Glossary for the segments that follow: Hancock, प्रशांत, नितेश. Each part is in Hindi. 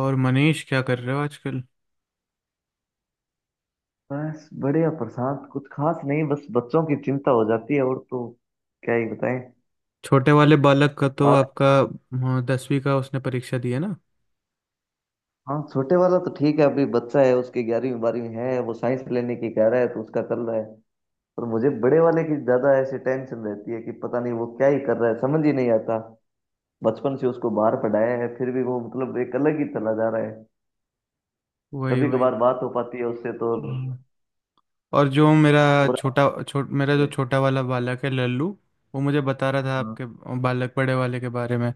और मनीष, क्या कर रहे हो आजकल। बस बढ़िया प्रशांत, कुछ खास नहीं। बस बच्चों की चिंता हो जाती है, और तो क्या ही बताएं। छोटे वाले बालक का तो हाँ। आपका। हाँ, 10वीं का उसने परीक्षा दी है ना। हाँ, छोटे वाला तो ठीक है, अभी बच्चा है। उसके 11वीं 12वीं है, वो साइंस लेने की कह रहा है तो उसका कर रहा है। पर मुझे बड़े वाले की ज्यादा ऐसी टेंशन रहती है कि पता नहीं वो क्या ही कर रहा है, समझ ही नहीं आता। बचपन से उसको बाहर पढ़ाया है, फिर भी वो मतलब एक अलग ही चला जा रहा है। वही कभी वही। कभार बात हो पाती है उससे तो। हाँ। और जो मेरा और मेरा जो छोटा वाला बालक है, लल्लू। वो मुझे बता रहा था आपके और- बालक बड़े वाले के बारे में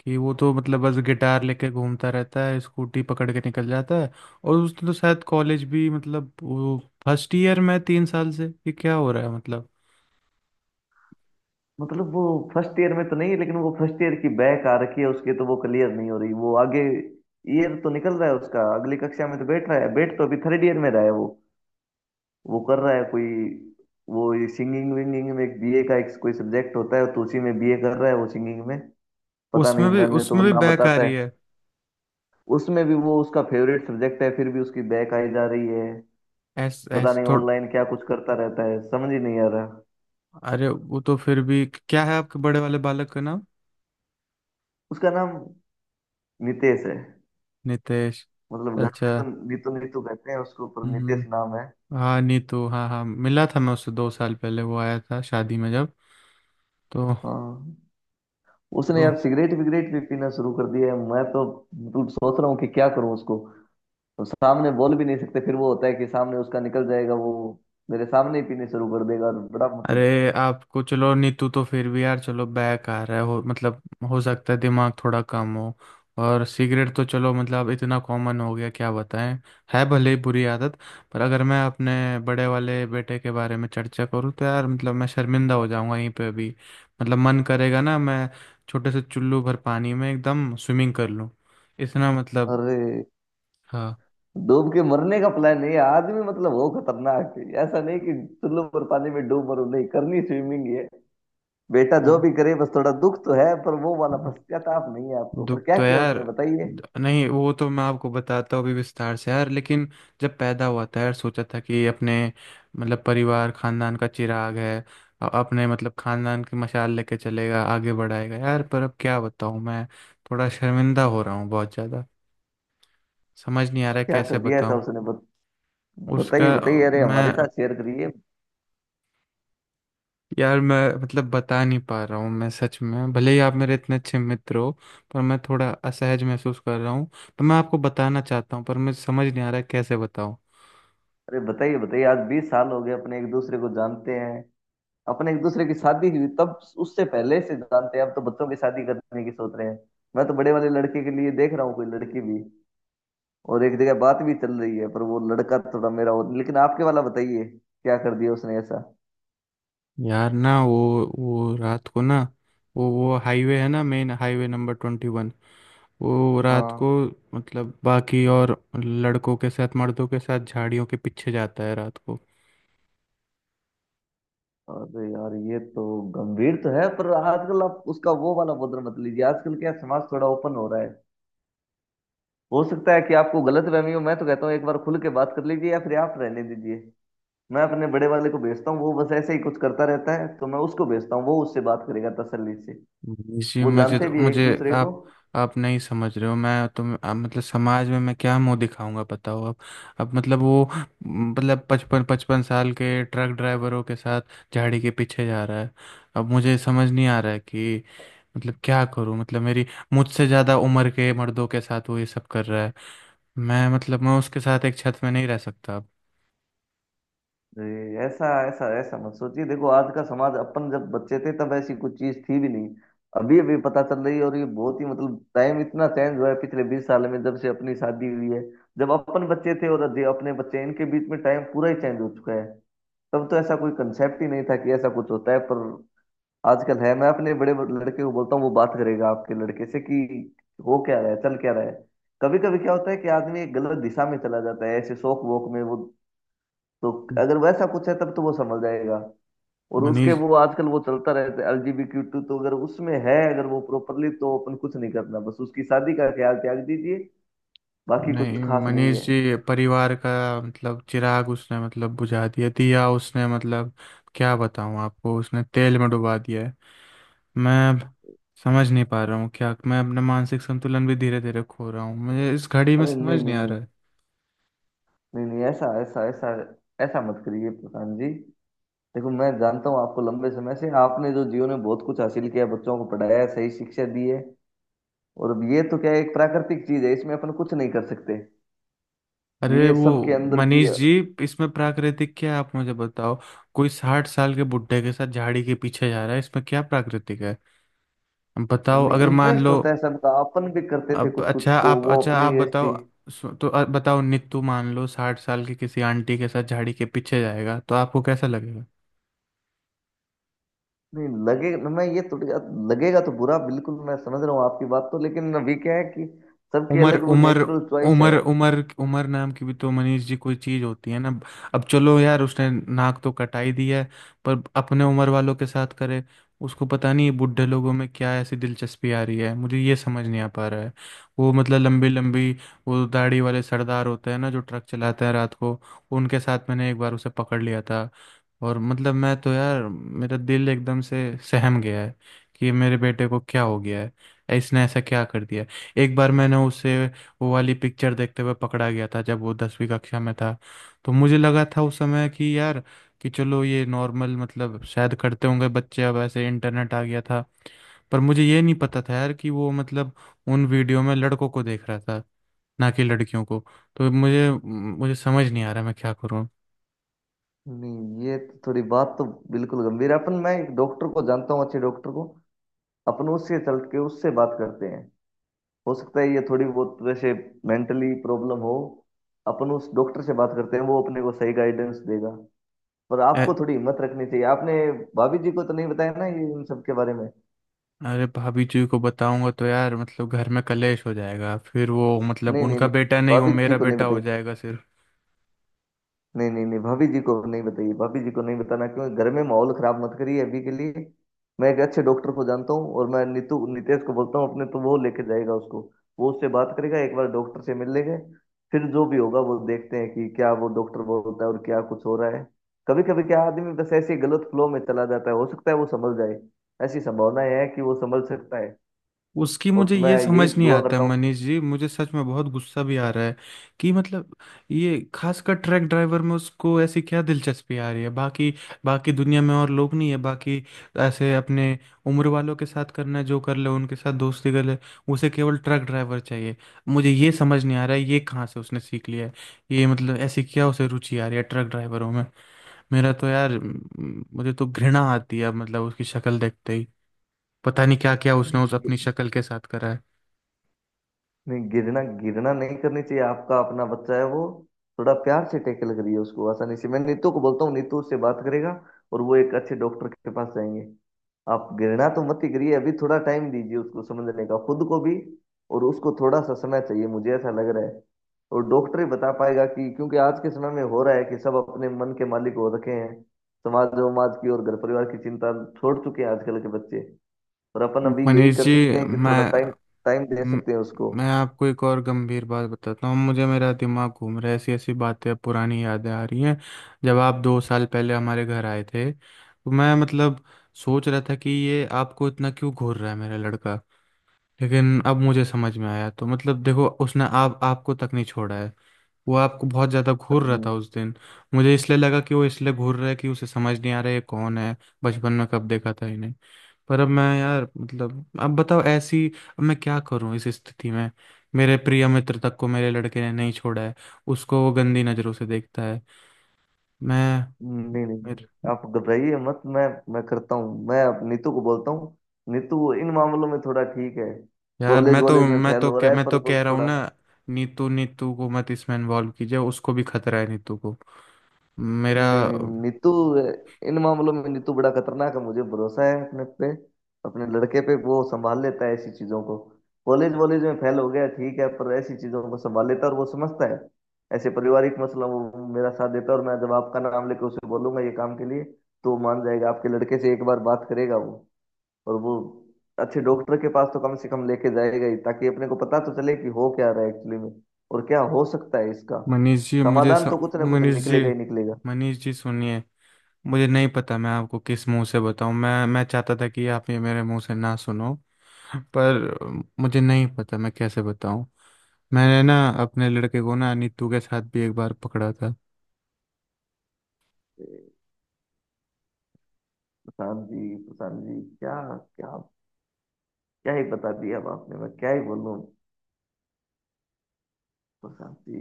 कि वो तो मतलब बस गिटार लेके घूमता रहता है, स्कूटी पकड़ के निकल जाता है। और उसने तो शायद कॉलेज भी, मतलब वो फर्स्ट ईयर में है 3 साल से, ये क्या हो रहा है मतलब। मतलब वो फर्स्ट ईयर में तो नहीं है, लेकिन वो फर्स्ट ईयर की बैक आ रखी है उसके, तो वो क्लियर नहीं हो रही। वो आगे ईयर तो निकल रहा है उसका, अगली कक्षा में तो बैठ रहा है। बैठ तो अभी थर्ड ईयर में रहा है वो। वो कर रहा है कोई, वो सिंगिंग विंगिंग में एक बीए का एक कोई सब्जेक्ट होता है, तो उसी में बीए कर रहा है वो सिंगिंग में। पता नहीं, उसमें भी मैंने तो उसमें भी ना बैक आ बताता रही है। है। उसमें भी वो उसका फेवरेट सब्जेक्ट है, फिर भी उसकी बैक आई जा रही है। ऐस पता ऐस नहीं थो, ऑनलाइन क्या कुछ करता रहता है, समझ ही नहीं आ रहा। अरे वो तो फिर भी, क्या है आपके बड़े वाले बालक का नाम। उसका नाम नितेश है। नितेश। मतलब घर अच्छा। में तो नीतू नीतू कहते हैं उसको, पर नितेश हम्म। नाम है। हाँ, नीतू, हाँ हाँ, मिला था मैं उससे 2 साल पहले, वो आया था शादी में जब। तो हाँ। उसने तो यार सिगरेट विगरेट भी पीना शुरू कर दिया है, मैं तो मतलब सोच रहा हूँ कि क्या करूँ उसको। तो सामने बोल भी नहीं सकते, फिर वो होता है कि सामने उसका निकल जाएगा वो। मेरे सामने ही पीने शुरू कर देगा, और बड़ा मतलब। अरे आपको, चलो नीतू तो फिर भी यार, चलो बैक आ रहा है हो मतलब। हो सकता है दिमाग थोड़ा कम हो। और सिगरेट तो चलो मतलब इतना कॉमन हो गया, क्या बताएं। है भले ही बुरी आदत। पर अगर मैं अपने बड़े वाले बेटे के बारे में चर्चा करूँ तो यार मतलब मैं शर्मिंदा हो जाऊंगा यहीं पे अभी। मतलब मन करेगा ना, मैं छोटे से चुल्लू भर पानी में एकदम स्विमिंग कर लूँ। इतना मतलब। अरे हाँ। डूब के मरने का प्लान है ये आदमी, मतलब वो खतरनाक है ऐसा नहीं कि चुल्लू पर पानी में डूब मरो। नहीं करनी स्विमिंग है। बेटा जो वो, भी करे, बस थोड़ा दुख तो है, पर वो वाला पश्चाताप नहीं है आपको। पर दुख क्या तो किया यार। उसने, बताइए। नहीं, वो तो मैं आपको बताता हूँ अभी विस्तार से यार, लेकिन जब पैदा हुआ था यार, सोचा था कि अपने मतलब परिवार खानदान का चिराग है। अपने मतलब खानदान की मशाल लेके चलेगा, आगे बढ़ाएगा यार, पर अब क्या बताऊँ मैं। थोड़ा शर्मिंदा हो रहा हूँ बहुत ज़्यादा। समझ नहीं आ रहा है क्या कर कैसे दिया ऐसा बताऊँ। उसने? उसका। बताइए बताइए, अरे मैं हमारे साथ शेयर करिए। मैं मतलब बता नहीं पा रहा हूँ, मैं सच में भले ही आप मेरे इतने अच्छे मित्र हो। पर मैं थोड़ा असहज महसूस कर रहा हूँ। तो मैं आपको बताना चाहता हूँ, पर मुझे समझ नहीं आ रहा है कैसे बताऊँ। अरे बताइए बताइए, आज 20 साल हो गए अपने एक दूसरे को जानते हैं। अपने एक दूसरे की शादी हुई तब, उससे पहले से जानते हैं। अब तो बच्चों की शादी करने की सोच रहे हैं। मैं तो बड़े वाले लड़के के लिए देख रहा हूँ कोई लड़की भी। और एक जगह बात भी चल रही है, पर वो लड़का थोड़ा मेरा, और लेकिन आपके वाला बताइए, क्या कर दिया उसने ऐसा? यार ना, वो रात को ना, वो हाईवे है ना, मेन हाईवे नंबर 21। वो रात को, हाँ। मतलब बाकी और लड़कों के साथ, मर्दों के साथ, झाड़ियों के पीछे जाता है रात को। अरे यार, ये तो गंभीर तो है, पर आजकल आप उसका वो वाला बदल मत लीजिए, आजकल क्या समाज थोड़ा ओपन हो रहा है। हो सकता है कि आपको गलत फहमी हो। मैं तो कहता हूँ एक बार खुल के बात कर लीजिए, या फिर आप रहने दीजिए। मैं अपने बड़े वाले को भेजता हूँ, वो बस ऐसे ही कुछ करता रहता है, तो मैं उसको भेजता हूँ। वो उससे बात करेगा तसल्ली से। जी, वो मुझे जानते तो भी है एक मुझे, दूसरे को। आप आप नहीं समझ रहे हो, मैं तो आप मतलब, समाज में मैं क्या मुंह दिखाऊंगा बताओ अब। अब मतलब वो, मतलब पचपन पचपन साल के ट्रक ड्राइवरों के साथ झाड़ी के पीछे जा रहा है। अब मुझे समझ नहीं आ रहा है कि मतलब क्या करूं, मतलब मेरी, मुझसे ज़्यादा उम्र के मर्दों के साथ वो ये सब कर रहा है। मैं उसके साथ एक छत में नहीं रह सकता अब। जी, ऐसा ऐसा ऐसा मत सोचिए। देखो आज का समाज, अपन जब बच्चे थे तब ऐसी कुछ चीज थी भी नहीं। अभी अभी पता चल रही है, और ये बहुत ही मतलब टाइम इतना चेंज हुआ है पिछले 20 साल में, जब से अपनी शादी हुई है। जब अपन बच्चे थे और जो अपने बच्चे, इनके बीच में टाइम पूरा ही चेंज हो चुका है। तब तो ऐसा कोई कंसेप्ट ही नहीं था कि ऐसा कुछ होता है, पर आजकल है। मैं अपने बड़े लड़के को बोलता हूँ, वो बात करेगा आपके लड़के से कि हो क्या रहा है चल क्या रहा है। कभी कभी क्या होता है कि आदमी एक गलत दिशा में चला जाता है ऐसे शौक वोक में वो। तो अगर वैसा कुछ है तब तो वो समझ जाएगा। और उसके मनीष। वो आजकल वो चलता रहता है एलजीबीक्यू टू, तो अगर उसमें है, अगर वो प्रॉपरली, तो अपन कुछ नहीं करना, बस उसकी शादी का ख्याल त्याग दीजिए। बाकी कुछ नहीं खास नहीं मनीष है। जी, परिवार का मतलब चिराग उसने मतलब बुझा दिया दिया उसने मतलब, क्या बताऊं आपको, उसने तेल में डुबा दिया है। मैं अब समझ नहीं पा रहा हूँ, क्या मैं अपना मानसिक संतुलन भी धीरे धीरे खो रहा हूँ, मुझे इस घड़ी में अरे नहीं समझ नहीं नहीं आ नहीं। रहा है। नहीं नहीं, ऐसा ऐसा ऐसा ऐसा मत करिए प्रधान जी। देखो, मैं जानता हूँ आपको लंबे समय से, आपने जो जीवन में बहुत कुछ हासिल किया, बच्चों को पढ़ाया है, सही शिक्षा दी है। और अब ये तो क्या है, एक प्राकृतिक चीज है, इसमें अपन कुछ नहीं कर सकते। अब अरे ये वो। सबके अंदर की। मनीष जी, इसमें प्राकृतिक क्या है, आप मुझे बताओ। कोई 60 साल के बुढ़े के साथ झाड़ी के पीछे जा रहा है, इसमें क्या प्राकृतिक है। बताओ, नहीं, अगर मान इंटरेस्ट लो। होता है सबका, अपन भी करते थे अब कुछ कुछ, अच्छा तो आप वो अच्छा अपनी आप एज थी। बताओ। तो बताओ नित्तू, मान लो 60 साल की किसी आंटी के साथ झाड़ी के पीछे जाएगा तो आपको कैसा लगेगा। नहीं लगेगा, मैं ये थोड़ी। लगेगा तो बुरा बिल्कुल, मैं समझ रहा हूँ आपकी बात, तो लेकिन अभी क्या है कि सबकी उमर अलग वो उमर नेचुरल चॉइस उमर है। उमर उमर नाम की भी तो मनीष जी कोई चीज होती है ना। अब चलो यार, उसने नाक तो कटाई दी है। पर अपने उम्र वालों के साथ करे। उसको पता नहीं बुढ़े लोगों में क्या ऐसी दिलचस्पी आ रही है, मुझे ये समझ नहीं आ पा रहा है। वो मतलब लंबी लंबी, वो दाढ़ी वाले सरदार होते हैं ना, जो ट्रक चलाते हैं रात को, उनके साथ मैंने एक बार उसे पकड़ लिया था। और मतलब मैं तो यार, मेरा दिल एकदम से सहम गया है, कि मेरे बेटे को क्या हो गया है, इसने ऐसा क्या कर दिया। एक बार मैंने उसे वो वाली पिक्चर देखते हुए पकड़ा गया था, जब वो 10वीं कक्षा में था। तो मुझे लगा था उस समय कि यार, कि चलो ये नॉर्मल मतलब शायद करते होंगे बच्चे, अब ऐसे इंटरनेट आ गया था। पर मुझे ये नहीं पता था यार, कि वो मतलब उन वीडियो में लड़कों को देख रहा था, ना कि लड़कियों को। तो मुझे मुझे समझ नहीं आ रहा, मैं क्या करूँ। नहीं, ये तो थोड़ी बात तो बिल्कुल गंभीर है। अपन, मैं एक डॉक्टर को जानता हूँ, अच्छे डॉक्टर को। अपन उससे चल के उससे बात करते हैं। हो सकता है ये थोड़ी बहुत वैसे मेंटली प्रॉब्लम हो। अपन उस डॉक्टर से बात करते हैं, वो अपने को सही गाइडेंस देगा। पर ए- आपको थोड़ी हिम्मत रखनी चाहिए। आपने भाभी जी को तो नहीं बताया ना ये, इन सब के बारे में? अरे भाभी जी को बताऊंगा तो यार मतलब घर में कलेश हो जाएगा, फिर वो मतलब नहीं नहीं उनका बेटा नहीं, नहीं, वो भाभी जी मेरा को नहीं बेटा बताई। हो जाएगा। नहीं नहीं नहीं, भाभी जी को नहीं बताइए, भाभी जी को नहीं बताना, क्योंकि घर में माहौल खराब मत करिए अभी के लिए। मैं एक अच्छे डॉक्टर को जानता हूँ, और मैं नीतू नितेश को बोलता हूँ अपने, तो वो लेके जाएगा उसको। वो उससे बात करेगा, एक बार डॉक्टर से मिल लेंगे। फिर जो भी होगा वो देखते हैं कि क्या वो डॉक्टर बोलता है और क्या कुछ हो रहा है। कभी कभी क्या, आदमी बस ऐसे ही गलत फ्लो में चला जाता है, हो सकता है वो समझ जाए। ऐसी संभावनाएं है कि वो समझ सकता है। उसकी, और मुझे मैं ये यही समझ नहीं दुआ आता करता हूँ मनीष जी, मुझे सच में बहुत गुस्सा भी आ रहा है कि मतलब, ये खासकर ट्रक ड्राइवर में उसको ऐसी क्या दिलचस्पी आ रही है, बाकी बाकी दुनिया में और लोग नहीं है, बाकी ऐसे अपने उम्र वालों के साथ करना है, जो कर ले उनके साथ दोस्ती कर ले। उसे केवल ट्रक ड्राइवर चाहिए। मुझे ये समझ नहीं आ रहा है, ये कहाँ से उसने सीख लिया है, ये मतलब ऐसी क्या उसे रुचि आ रही है ट्रक ड्राइवरों में। मेरा तो यार मुझे तो घृणा आती है मतलब उसकी शक्ल देखते ही। पता नहीं क्या क्या उसने उस कि अपनी शक्ल के साथ करा है। नहीं, गिरना गिरना नहीं करनी चाहिए। आपका अपना बच्चा है वो। थोड़ा प्यार से टैकल करिए उसको आसानी से। मैं नीतू को बोलता हूँ, नीतू उससे बात करेगा। और वो एक अच्छे डॉक्टर के पास जाएंगे। आप गिरना तो मत ही करिए। अभी थोड़ा टाइम दीजिए उसको समझने का, खुद को भी। और उसको थोड़ा सा समय चाहिए, मुझे ऐसा लग रहा है। और डॉक्टर ही बता पाएगा कि, क्योंकि आज के समय में हो रहा है कि सब अपने मन के मालिक हो रखे हैं। समाज उमाज की और घर परिवार की चिंता छोड़ चुके हैं आजकल के बच्चे। और अपन अभी यही मनीष कर जी, सकते हैं कि मैं थोड़ा टाइम, टाइम दे म- सकते हैं उसको। मैं आपको एक और गंभीर बात बताता हूँ, मुझे मेरा दिमाग घूम रहा है, ऐसी ऐसी बातें, अब पुरानी यादें आ रही हैं। जब आप 2 साल पहले हमारे घर आए थे, तो मैं मतलब सोच रहा था कि ये आपको इतना क्यों घूर रहा है, मेरा लड़का। लेकिन अब मुझे समझ में आया तो मतलब देखो, उसने आप आपको तक नहीं छोड़ा है। वो आपको बहुत ज़्यादा घूर अरे रहा न- था उस दिन। मुझे इसलिए लगा कि वो इसलिए घूर रहा है कि उसे समझ नहीं आ रहा है ये कौन है, बचपन में कब देखा था इन्हें। पर अब मैं यार मतलब, अब बताओ ऐसी, अब मैं क्या करूं इस स्थिति में। मेरे प्रिय मित्र तक को मेरे लड़के ने नहीं छोड़ा है, उसको वो गंदी नज़रों से देखता है। मैं नहीं नहीं, मेरे- आप घबराइए मत। मैं करता हूँ, मैं अब नीतू को बोलता हूँ। नीतू इन मामलों में थोड़ा ठीक है, यार कॉलेज वॉलेज में फेल हो रहा है, मैं पर तो वो कह रहा हूँ थोड़ा। ना। नीतू नीतू को मत इसमें इन्वॉल्व कीजिए, उसको भी खतरा है नीतू को। मेरा। नहीं नहीं नीतू, इन मामलों में नीतू बड़ा खतरनाक है, मुझे भरोसा है अपने पे, अपने लड़के पे। वो संभाल लेता है ऐसी चीजों को, कॉलेज वॉलेज में फेल हो गया ठीक है, पर ऐसी चीजों को संभाल लेता है और वो समझता है। ऐसे पारिवारिक मसला वो मेरा साथ देता है, और मैं जब आपका नाम लेकर उसे बोलूंगा ये काम के लिए, तो वो मान जाएगा। आपके लड़के से एक बार बात करेगा वो। और वो अच्छे डॉक्टर के पास तो कम से कम लेके जाएगा ही, ताकि अपने को पता तो चले कि हो क्या रहा है एक्चुअली में, और क्या हो सकता है इसका। मनीष जी समाधान तो कुछ ना कुछ मनीष जी, निकलेगा ही निकलेगा। मनीष जी सुनिए। मुझे नहीं पता मैं आपको किस मुंह से बताऊं, मैं चाहता था कि आप ये मेरे मुंह से ना सुनो। पर मुझे नहीं पता मैं कैसे बताऊं। मैंने ना अपने लड़के को, ना नीतू के साथ भी एक बार पकड़ा था। प्रशांत जी, प्रशांत जी, क्या क्या क्या ही बता दिया अब आपने, मैं क्या ही बोलूं। प्रशांत जी,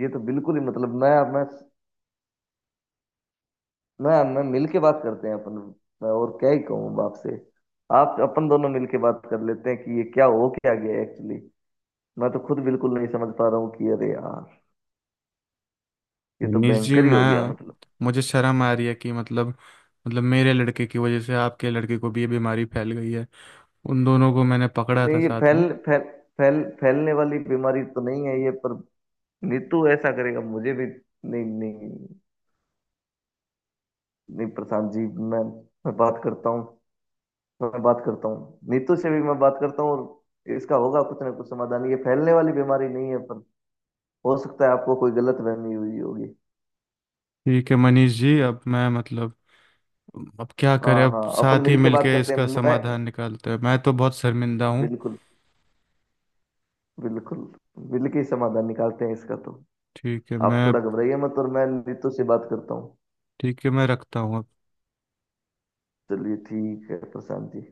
ये तो बिल्कुल ही मतलब, मैं मिल के बात करते हैं अपन। मैं और क्या ही कहूँ बाप से। आप अपन दोनों मिल के बात कर लेते हैं कि ये क्या हो क्या गया एक्चुअली। मैं तो खुद बिल्कुल नहीं समझ पा रहा हूँ कि, अरे यार, ये तो मनीष जी, भयंकर ही हो गया मैं, मतलब। मुझे शर्म आ रही है कि मतलब, मतलब मेरे लड़के की वजह से आपके लड़के को भी ये बीमारी फैल गई है। उन दोनों को मैंने पकड़ा था नहीं, ये साथ फैल में। फैल फैल फैलने वाली बीमारी तो नहीं है ये, पर नीतू ऐसा करेगा मुझे भी नहीं, नहीं। नहीं, प्रशांत जी, मैं मैं बात करता हूँ। मैं बात करता हूँ नीतू से भी, मैं बात करता हूँ, और इसका होगा कुछ ना कुछ समाधान। ये फैलने वाली बीमारी नहीं है, पर हो सकता है आपको कोई गलत फहमी हुई होगी। ठीक है मनीष जी, अब मैं मतलब, अब क्या हाँ करें, अब हाँ, अपन साथ ही मिल के बात मिलके करते हैं, इसका मैं। समाधान निकालते हैं, मैं तो बहुत शर्मिंदा हूँ। बिल्कुल। बिल्कुल। मिल के ही समाधान निकालते हैं इसका तो। ठीक है, आप मैं। थोड़ा घबराइए मत, और मैं नीतू से बात करता हूँ। ठीक है, मैं रखता हूँ अब। चलिए, ठीक है प्रशांत जी।